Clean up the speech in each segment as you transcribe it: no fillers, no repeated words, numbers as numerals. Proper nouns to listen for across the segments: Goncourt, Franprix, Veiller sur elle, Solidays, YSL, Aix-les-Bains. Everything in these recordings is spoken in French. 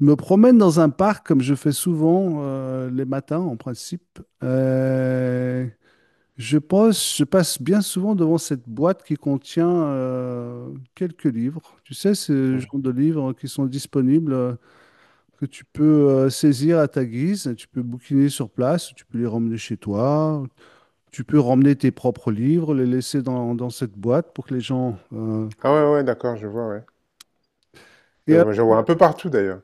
Je me promène dans un parc comme je fais souvent les matins en principe. Je passe bien souvent devant cette boîte qui contient quelques livres. Tu sais, ce Mmh. genre de livres qui sont disponibles, que tu peux saisir à ta guise. Tu peux bouquiner sur place, tu peux les ramener chez toi, tu peux ramener tes propres livres, les laisser dans cette boîte pour que les gens... Ah ouais, ouais, d'accord, je vois, ouais. Je, et vois je vois un peu partout d'ailleurs.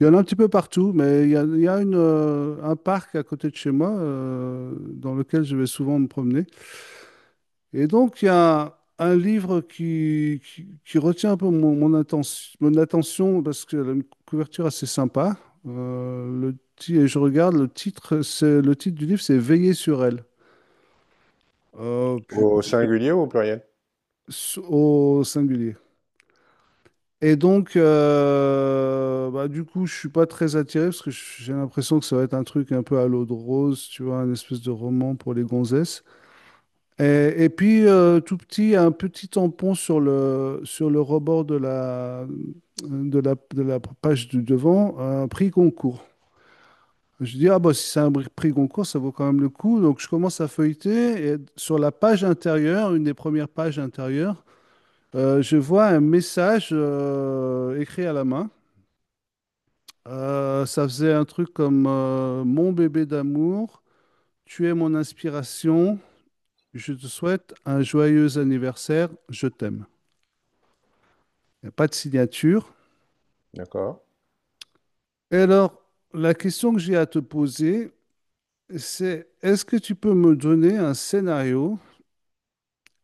Il y en a un petit peu partout, mais il y a une, un parc à côté de chez moi dans lequel je vais souvent me promener. Et donc, il y a un livre qui retient un peu attention, mon attention parce qu'elle a une couverture assez sympa. Et je regarde le titre, le titre du livre, c'est Veiller sur elle. Puis Au singulier ou au pluriel? Au singulier. Et donc, bah, du coup, je suis pas très attiré parce que j'ai l'impression que ça va être un truc un peu à l'eau de rose, tu vois, un espèce de roman pour les gonzesses. Et puis, tout petit, un petit tampon sur sur le rebord de de la page du devant, un prix Goncourt. Je dis, ah bah si c'est un prix Goncourt, ça vaut quand même le coup. Donc je commence à feuilleter et sur la page intérieure, une des premières pages intérieures, je vois un message écrit à la main. Ça faisait un truc comme Mon bébé d'amour, tu es mon inspiration, je te souhaite un joyeux anniversaire, je t'aime. Il n'y a pas de signature. D'accord. Et alors, la question que j'ai à te poser, c'est est-ce que tu peux me donner un scénario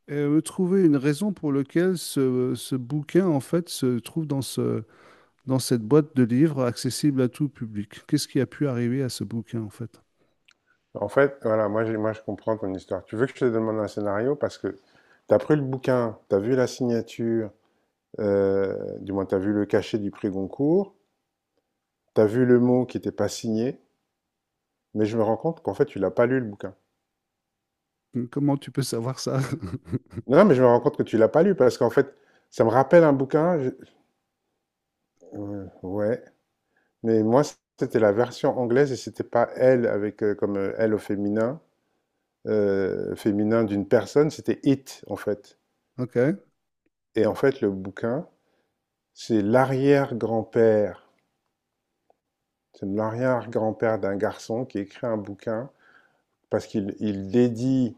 et me trouver une raison pour laquelle ce bouquin, en fait, se trouve dans dans cette boîte de livres accessible à tout public? Qu'est-ce qui a pu arriver à ce bouquin, en fait? En fait, voilà, moi, moi je comprends ton histoire. Tu veux que je te demande un scénario parce que tu as pris le bouquin, tu as vu la signature, du moins tu as vu le cachet du prix Goncourt, tu as vu le mot qui n'était pas signé, mais je me rends compte qu'en fait tu l'as pas lu le bouquin. Comment tu peux savoir ça? Non, non, mais je me rends compte que tu l'as pas lu parce qu'en fait ça me rappelle un bouquin. Ouais, mais moi c'était la version anglaise et c'était pas elle avec comme elle au féminin. Féminin d'une personne, c'était It, en fait. Ok, Et en fait, le bouquin, c'est l'arrière-grand-père. C'est l'arrière-grand-père d'un garçon qui écrit un bouquin parce qu'il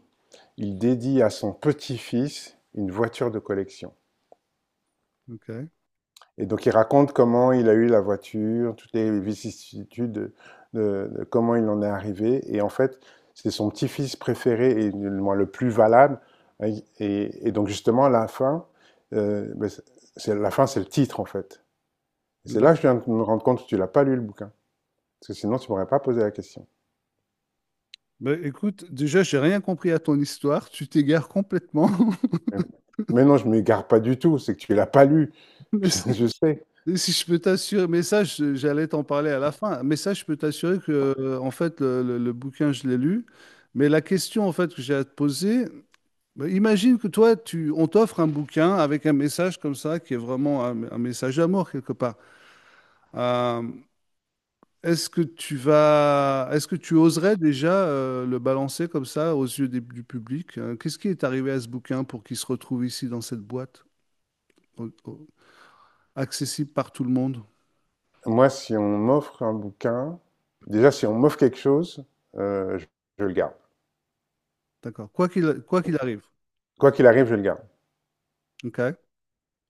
il dédie à son petit-fils une voiture de collection. ok. Et donc il raconte comment il a eu la voiture, toutes les vicissitudes de, de comment il en est arrivé. Et en fait, c'est son petit-fils préféré et le plus valable. Et donc justement, la fin, euh, ben, c'est, la fin, c'est le titre en fait. Et c'est là que D'ac- je viens de me rendre compte que tu l'as pas lu le bouquin. Parce que sinon, tu m'aurais pas posé la question. Ben, écoute, déjà, j'ai rien compris à ton histoire. Tu t'égares complètement. Mais mais non, je ne m'égare pas du tout, c'est que tu l'as pas lu. Mais Je, si, je sais. si je peux t'assurer, mais ça, j'allais t'en parler à la fin. Mais ça, je peux t'assurer que, en fait, le bouquin, je l'ai lu. Mais la question, en fait, que j'ai à te poser, ben, imagine que on t'offre un bouquin avec un message comme ça, qui est vraiment un message d'amour quelque part. Euh, Est-ce que tu vas, est-ce que tu oserais déjà le balancer comme ça aux yeux du public? Qu'est-ce qui est arrivé à ce bouquin pour qu'il se retrouve ici dans cette boîte, au- au- accessible par tout le monde? Moi, si on m'offre un bouquin, déjà, si on m'offre quelque chose, euh, je je le garde. D'accord. Quoi qu'il arrive. Quoi qu'il arrive, je le garde. OK.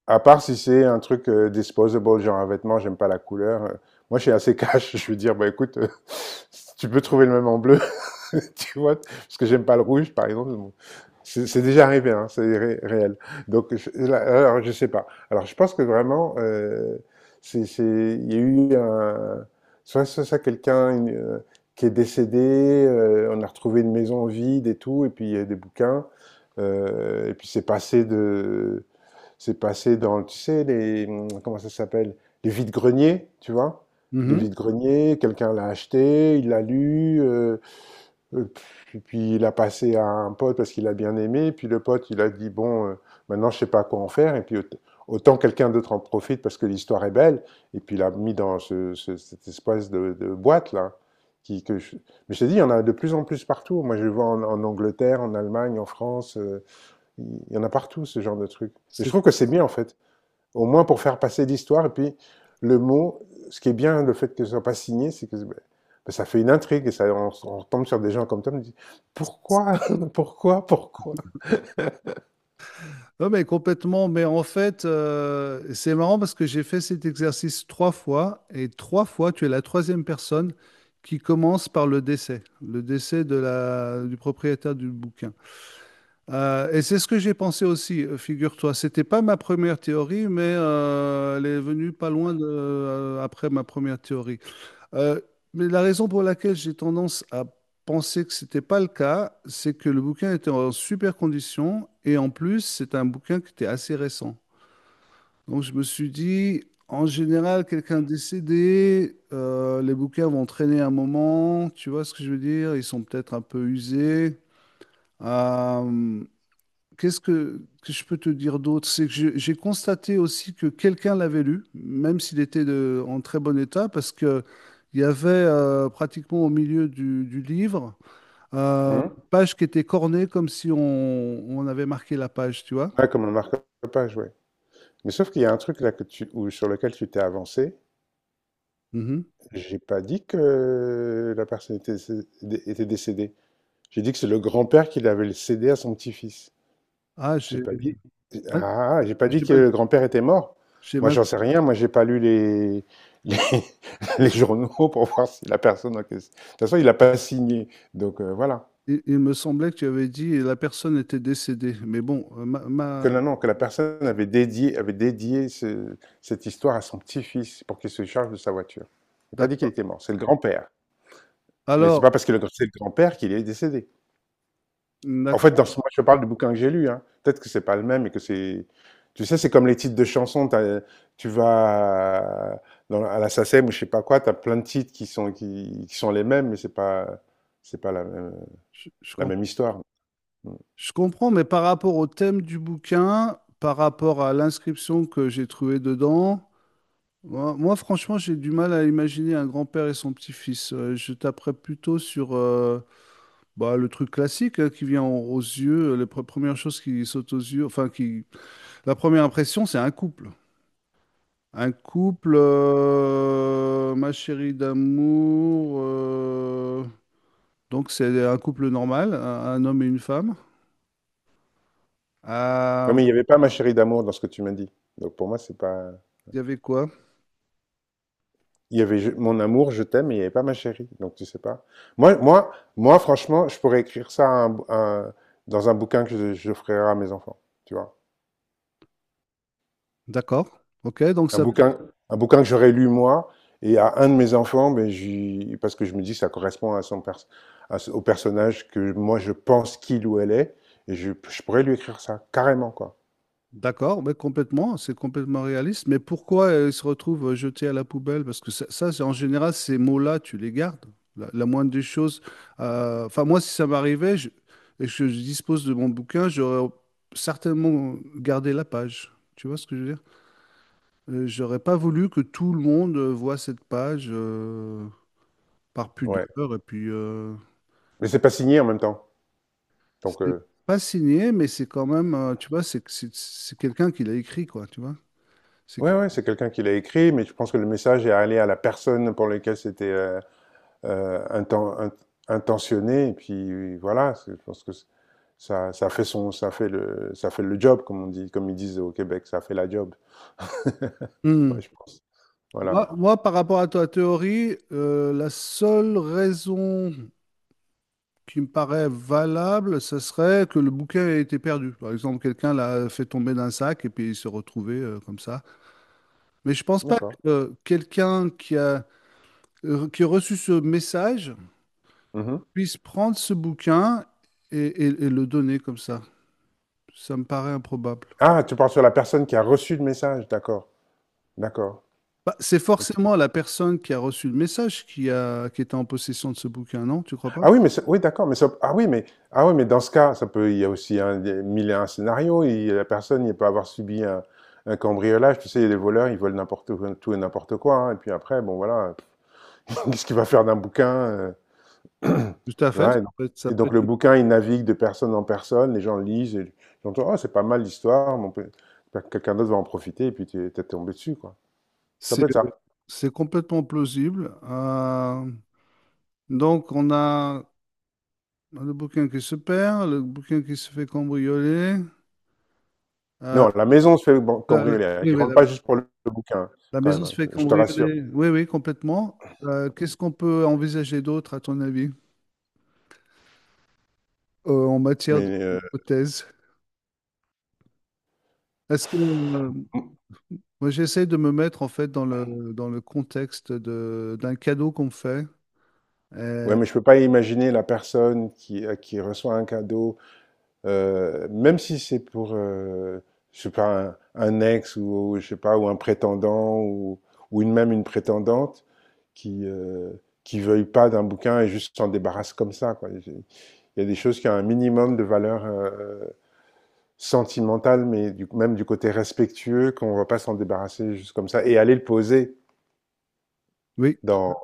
À part si c'est un truc disposable, genre un vêtement, j'aime pas la couleur. Moi, je suis assez cash. Je vais dire, bah écoute, si tu peux trouver le même en bleu, tu vois, parce que j'aime pas le rouge, par exemple. Bon. C'est déjà arrivé, hein, c'est réel. Donc, je sais pas. Alors, je pense que vraiment, il y a eu soit ça, soit quelqu'un qui est décédé, on a retrouvé une maison vide et tout, et puis il y a des bouquins, et puis c'est passé dans, tu sais, les, comment ça s'appelle? Les vides-greniers, tu vois? Les Mhm. vides-greniers, quelqu'un l'a acheté, il l'a lu, euh, puis il l'a passé à un pote parce qu'il a bien aimé, puis le pote, il a dit, bon, maintenant je sais pas quoi en faire, et puis autant quelqu'un d'autre en profite parce que l'histoire est belle, et puis il l'a mis dans cette espèce de boîte, là. Qui, que je- Mais je te dis, il y en a de plus en plus partout. Moi, je le vois en, en Angleterre, en Allemagne, en France, il y en a partout, ce genre de truc. Et je C'est- trouve que c'est bien, en fait. Au moins pour faire passer l'histoire. Et puis, le mot, ce qui est bien, le fait que ce ne soit pas signé, c'est que ça fait une intrigue et ça, on tombe sur des gens comme toi. On me dit pourquoi, pourquoi, pourquoi. Non, mais complètement. Mais en fait, c'est marrant parce que j'ai fait cet exercice trois fois et trois fois, tu es la troisième personne qui commence par le décès de du propriétaire du bouquin. Et c'est ce que j'ai pensé aussi, figure-toi. C'était pas ma première théorie, mais elle est venue pas loin de, après ma première théorie. Euh, mais la raison pour laquelle j'ai tendance à penser que c'était pas le cas, c'est que le bouquin était en super condition et en plus, c'est un bouquin qui était assez récent. Donc je me suis dit, en général, quelqu'un décédé, les bouquins vont traîner un moment. Tu vois ce que je veux dire? Ils sont peut-être un peu usés. Euh, Qu'est-ce que je peux te dire d'autre? C'est que j'ai constaté aussi que quelqu'un l'avait lu, même s'il était en très bon état, parce que il y avait pratiquement au milieu du livre Hum. une page qui était cornée comme si on avait marqué la page, tu vois? Ouais, comme on marque la page, ouais. Mais sauf qu'il y a un truc là que sur lequel tu t'es avancé. Mhm. J'ai pas dit que était décédée. J'ai dit que c'est le grand-père qui l'avait cédé à son petit-fils. Ah, J'ai j'ai pas dit. mal- Ah, j'ai pas dit j'ai que mal. le grand-père était mort. j'ai Moi, mal- j'en sais rien. Moi, j'ai pas lu les, les journaux pour voir si la personne en question. De toute façon, il n'a pas signé. Donc, voilà. Il me semblait que tu avais dit la personne était décédée, mais bon, Que non, non, que la personne avait dédié cette histoire à son petit-fils pour qu'il se charge de sa voiture. J'ai pas dit qu'il d'accord. était mort. C'est le grand-père. Mais c'est pas Alors, parce que c'est le grand-père qu'il est décédé. En fait, d'accord, moi, je parle du bouquin que j'ai lu. Hein. Peut-être que c'est pas le même et que c'est. Tu sais, c'est comme les titres de chansons. Tu vas à- à la SACEM ou je sais pas quoi, tu as plein de titres qui sont, qui sont les mêmes, mais c'est pas je, je la même histoire. Mm. Je comprends, mais par rapport au thème du bouquin, par rapport à l'inscription que j'ai trouvée dedans, moi, franchement, j'ai du mal à imaginer un grand-père et son petit-fils. Je taperais plutôt sur bah, le truc classique hein, qui vient aux aux yeux, les premières choses qui sautent aux yeux, enfin, qui... la première impression, c'est un couple. Un couple, ma chérie d'amour, donc c'est un couple normal, un homme et une femme. Non, Euh, mais il n'y avait pas ma chérie d'amour dans ce que tu m'as dit. Donc pour moi, c'est pas. Il y avait quoi? Il y avait mon amour, je t'aime, mais il n'y avait pas ma chérie. Donc tu sais pas. Moi, franchement, je pourrais écrire ça à un bou- à un- dans un bouquin que je ferai à mes enfants. Tu vois. D'accord. Ok, donc Un ça, bouquin, un bouquin que j'aurais lu moi et à un de mes enfants, ben, parce que je me dis que ça correspond à son pers- à ce- au personnage que moi je pense qu'il ou elle est, et je pourrais lui écrire ça carrément quoi. d'accord, mais complètement, c'est complètement réaliste. Mais pourquoi ils se retrouvent jetés à la poubelle? Parce que ça, c'est en général, ces mots-là, tu les gardes. La moindre des choses. Enfin, moi, si ça m'arrivait, et que je dispose de mon bouquin, j'aurais certainement gardé la page. Tu vois ce que je veux dire? J'aurais pas voulu que tout le monde voit cette page par Ouais. pudeur. Et puis, Mais c'est pas signé en même temps. Donc c'est pas signé, mais c'est quand même, tu vois, c'est quelqu'un qui l'a écrit, quoi. Tu vois? C'est ouais que- ouais, c'est quelqu'un qui l'a écrit, mais je pense que le message est allé à la personne pour laquelle c'était euh, inten- int- intentionné, et puis voilà. Je pense que ça fait le job comme on dit, comme ils disent au Québec, ça fait la job. Ouais, Hmm. je pense. Voilà. Moi, par rapport à ta théorie, la seule raison qui me paraît valable, ce serait que le bouquin ait été perdu. Par exemple, quelqu'un l'a fait tomber d'un sac et puis il s'est retrouvé comme ça. Mais je pense pas que D'accord. Qui a reçu ce message Mmh. puisse prendre ce bouquin et le donner comme ça. Ça me paraît improbable. Ah, tu parles sur la personne qui a reçu le message, d'accord, d'accord. Bah, c'est OK. forcément la personne qui a reçu le message qui était en possession de ce bouquin, non? Tu crois pas? Ah oui, mais c'est oui, d'accord, mais ça ah oui, mais dans ce cas, ça peut il y a aussi un des 1001 scénarios et la personne, il peut avoir subi un cambriolage. Tu sais, les voleurs, ils volent n'importe quoi tout et n'importe quoi, hein et puis après, bon, voilà, qu'est-ce qu'il va faire d'un bouquin, heu? Tout à fait, Ouais, donc ça et peut donc le être- bouquin, il navigue de personne en personne, les gens lisent et ils j'entends: «Oh, c'est pas mal l'histoire, mais on peut quelqu'un d'autre va en profiter» et puis tu es tombé dessus, quoi. Ça c'est, peut être ça. c'est complètement plausible. Donc, on a le bouquin qui se perd, le bouquin qui se fait cambrioler. euh, Non, la maison se fait ban la, la- cambrioler, hein. oui, Ils rentrent pas juste pour le bouquin, la quand même, maison se hein, fait je te rassure. cambrioler. Oui, oui, complètement. Qu'est-ce qu'on peut envisager d'autre, à ton avis, en matière Mais, d'hypothèse? Est-ce que, euh, Moi, j'essaie de me mettre en fait dans le contexte de, d'un cadeau qu'on me fait. ouais, Euh, mais je peux pas imaginer la personne qui reçoit un cadeau, même si c'est pour, je sais pas, un ex ou je sais pas, ou un prétendant ou une même une prétendante qui veuille pas d'un bouquin et juste s'en débarrasse comme ça, quoi. Il y a des choses qui ont un minimum de valeur, sentimental, mais même du côté respectueux, qu'on va pas s'en débarrasser juste comme ça et aller le poser oui, dans,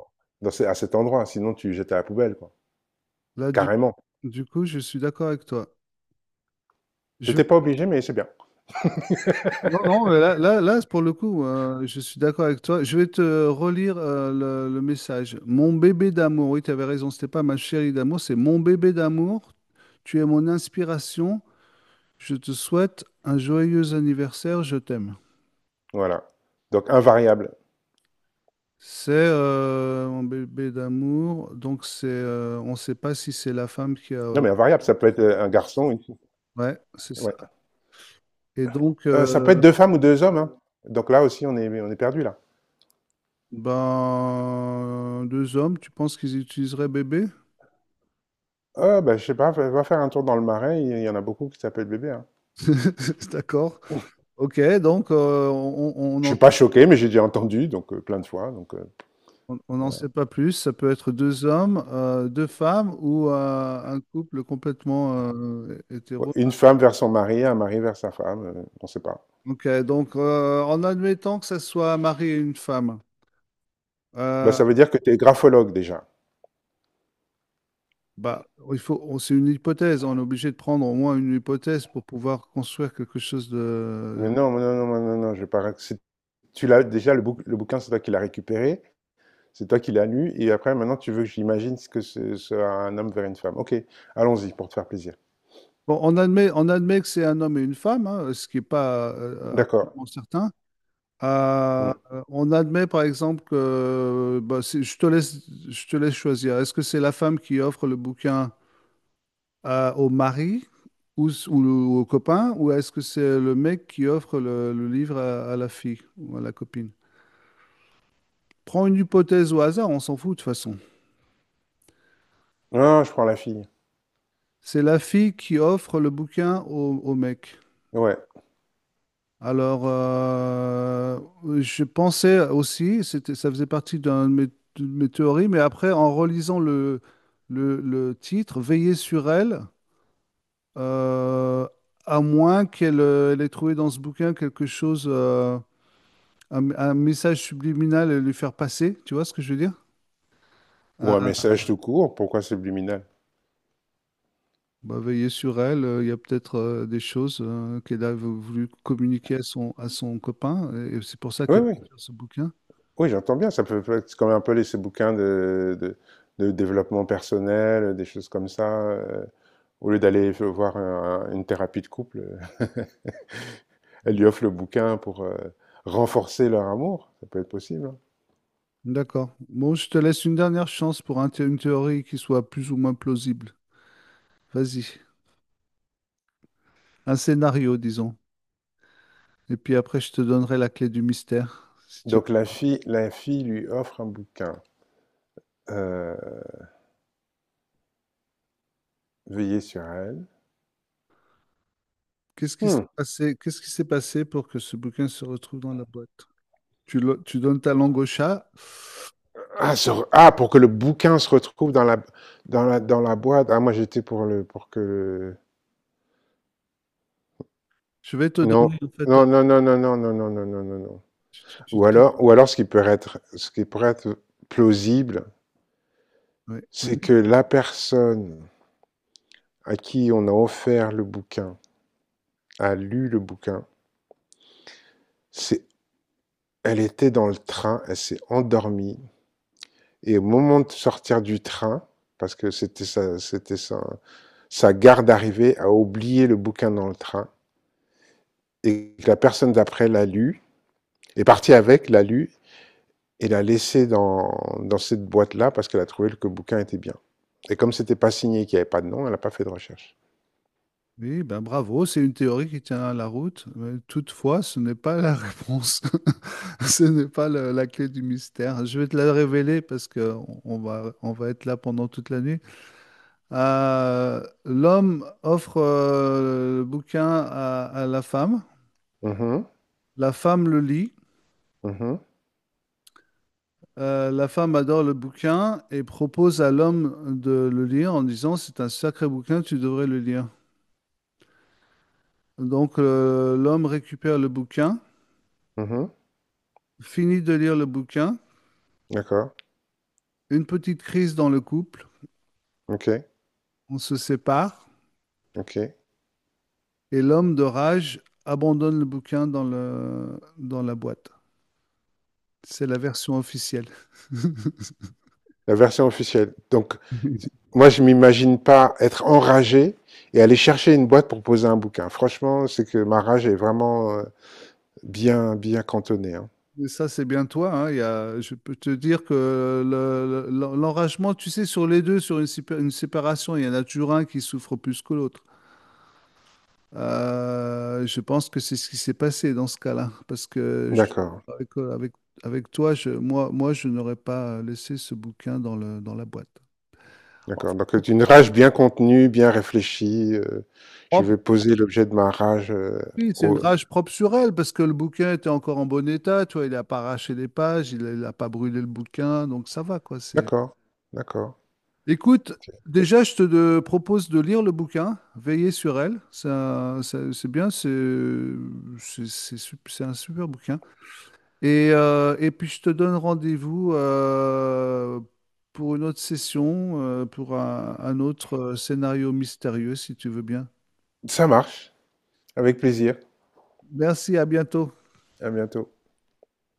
dans à cet endroit. Sinon, tu le jettes à la poubelle, quoi. là, Carrément. du coup, je suis d'accord avec toi. Je T'étais pas vais- obligé, mais c'est bien. Non, non, mais pour le coup, je suis d'accord avec toi. Je vais te relire le message. Mon bébé d'amour, oui, tu avais raison, c'était pas ma chérie d'amour, c'est mon bébé d'amour. Tu es mon inspiration. Je te souhaite un joyeux anniversaire. Je t'aime. Voilà. Donc, invariable. C'est mon bébé d'amour. Donc c'est, on ne sait pas si c'est la femme qui a Non, mais invariable, ça peut être un garçon, une fille. ouais, c'est ça. Ouais. Et donc, Ça peut être deux femmes ou deux hommes. Hein. Donc là aussi, on est perdu, là. ben, deux hommes, tu penses qu'ils utiliseraient bébé? Ah, bah, je sais pas, va faire un tour dans le marais, il y en a beaucoup qui s'appellent bébé. Hein. D'accord. Ok, donc euh, on on Je n'en suis pas choqué, mais j'ai déjà entendu, donc plein de fois. Donc, on n'en sait pas plus. Ça peut être deux hommes, deux femmes ou un couple complètement ouais, hétéro. une femme vers son mari, un mari vers sa femme, on sait pas. Ok, donc en admettant que ça soit un mari et une femme, Bah, euh, ça veut dire que tu es graphologue déjà. bah, c'est une hypothèse. On est obligé de prendre au moins une hypothèse pour pouvoir construire quelque chose Mais de. non, non, non, non, non, non, je vais pas. Tu l'as déjà, le bouquin, c'est toi qui l'as récupéré, c'est toi qui l'as lu, et après, maintenant, tu veux que j'imagine ce que ce sera un homme vers une femme. Ok, allons-y pour te faire plaisir. Bon, on admet que c'est un homme et une femme, hein, ce qui n'est pas D'accord. absolument certain. Euh, Hmm. on admet par exemple que bah, je te laisse choisir. Est-ce que c'est la femme qui offre le bouquin au mari ou, s- ou le- au copain, ou est-ce que c'est le mec qui offre le livre à la fille ou à la copine? Prends une hypothèse au hasard, on s'en fout de toute façon. Non, je prends la fille. C'est la fille qui offre le bouquin au mec. Ouais. Alors, je pensais aussi, ça faisait partie d'un de de mes théories, mais après, en relisant le titre, Veiller sur elle, euh, à moins qu'elle elle ait trouvé dans ce bouquin quelque chose, un message subliminal à lui faire passer, tu vois ce que je veux dire? Ou un Ah, message tout court, pourquoi subliminal? bah, veiller sur elle, il y a peut-être des choses qu'elle a voulu communiquer à à son copain, et c'est pour ça Oui, qu'elle oui, a fait ce bouquin. oui, j'entends bien. C'est comme un peu les, ces bouquins de développement personnel, des choses comme ça. Euh, au lieu voir une thérapie de couple, elle lui offre le bouquin pour renforcer leur amour. Ça peut être possible. Hein. D'accord. Bon, je te laisse une dernière chance pour un une théorie qui soit plus ou moins plausible. Vas-y. Un scénario, disons. Et puis après, je te donnerai la clé du mystère, si tu Donc veux. La fille lui offre un bouquin. Euh, veillez sur elle. Qu'est-ce qui s'est Hmm. passé, qu'est-ce qui s'est passé pour que ce bouquin se retrouve dans la boîte? Tu donnes ta langue au chat. Pour que le bouquin se retrouve dans la boîte. Ah, moi j'étais pour le, pour que. Je vais te Non, donner, en fait, non, non, non, non, non, non, non, non, non, non, non. tu- tu- tu- tu- Ou alors, ce qui pourrait être plausible, ouais, ouais. c'est que la personne à qui on a offert le bouquin a lu le bouquin, s'est elle était dans le train, elle s'est endormie et au moment de sortir du train, parce que c'était sa garde d'arrivée, a oublié le bouquin dans le train et la personne d'après l'a lu, est partie avec, l'a lu et l'a laissé dans cette boîte-là parce qu'elle a trouvé que le bouquin était bien. Et comme c'était pas signé, qu'il n'y avait pas de nom, elle n'a pas fait de recherche. Oui, ben bravo, c'est une théorie qui tient la route. Mais toutefois, ce n'est pas la réponse. Ce n'est pas la clé du mystère. Je vais te la révéler parce que on va être là pendant toute la nuit. L'homme offre le bouquin à la femme. Mhm, La femme le lit. mhm, La femme adore le bouquin et propose à l'homme de le lire en disant, c'est un sacré bouquin, tu devrais le lire. Donc l'homme récupère le bouquin, mhm. finit de lire le bouquin. D'accord. Une petite crise dans le couple, Ok, on se sépare ok. et l'homme de rage abandonne le bouquin dans la boîte. C'est la version officielle. La version officielle. Donc, moi, je m'imagine pas être enragé et aller chercher une boîte pour poser un bouquin. Franchement, c'est que ma rage est vraiment bien cantonnée. Hein. Mais ça, c'est bien toi. Hein, je peux te dire que l'enragement, tu sais, sur les deux, une séparation, il y en a toujours un qui souffre plus que l'autre. Je pense que c'est ce qui s'est passé dans ce cas-là. Parce que je- D'accord, avec, avec, Avec toi, moi, je n'aurais pas laissé ce bouquin dans dans la boîte. d'accord. Donc, c'est une rage bien contenue, bien réfléchie. Euh, je vais Oh, poser l'objet de ma rage. Euh, oui, c'est une au... rage propre sur elle parce que le bouquin était encore en bon état, tu vois, il n'a pas arraché les pages, il n'a pas brûlé le bouquin, donc ça va quoi. C'est. D'accord, d'accord. Écoute, déjà je te propose de lire le bouquin, veiller sur elle, ça, c'est bien, c'est un super bouquin. Et puis je te donne rendez-vous pour une autre session, pour un autre scénario mystérieux si tu veux bien. Ça marche. Avec plaisir. Merci, à bientôt. À bientôt.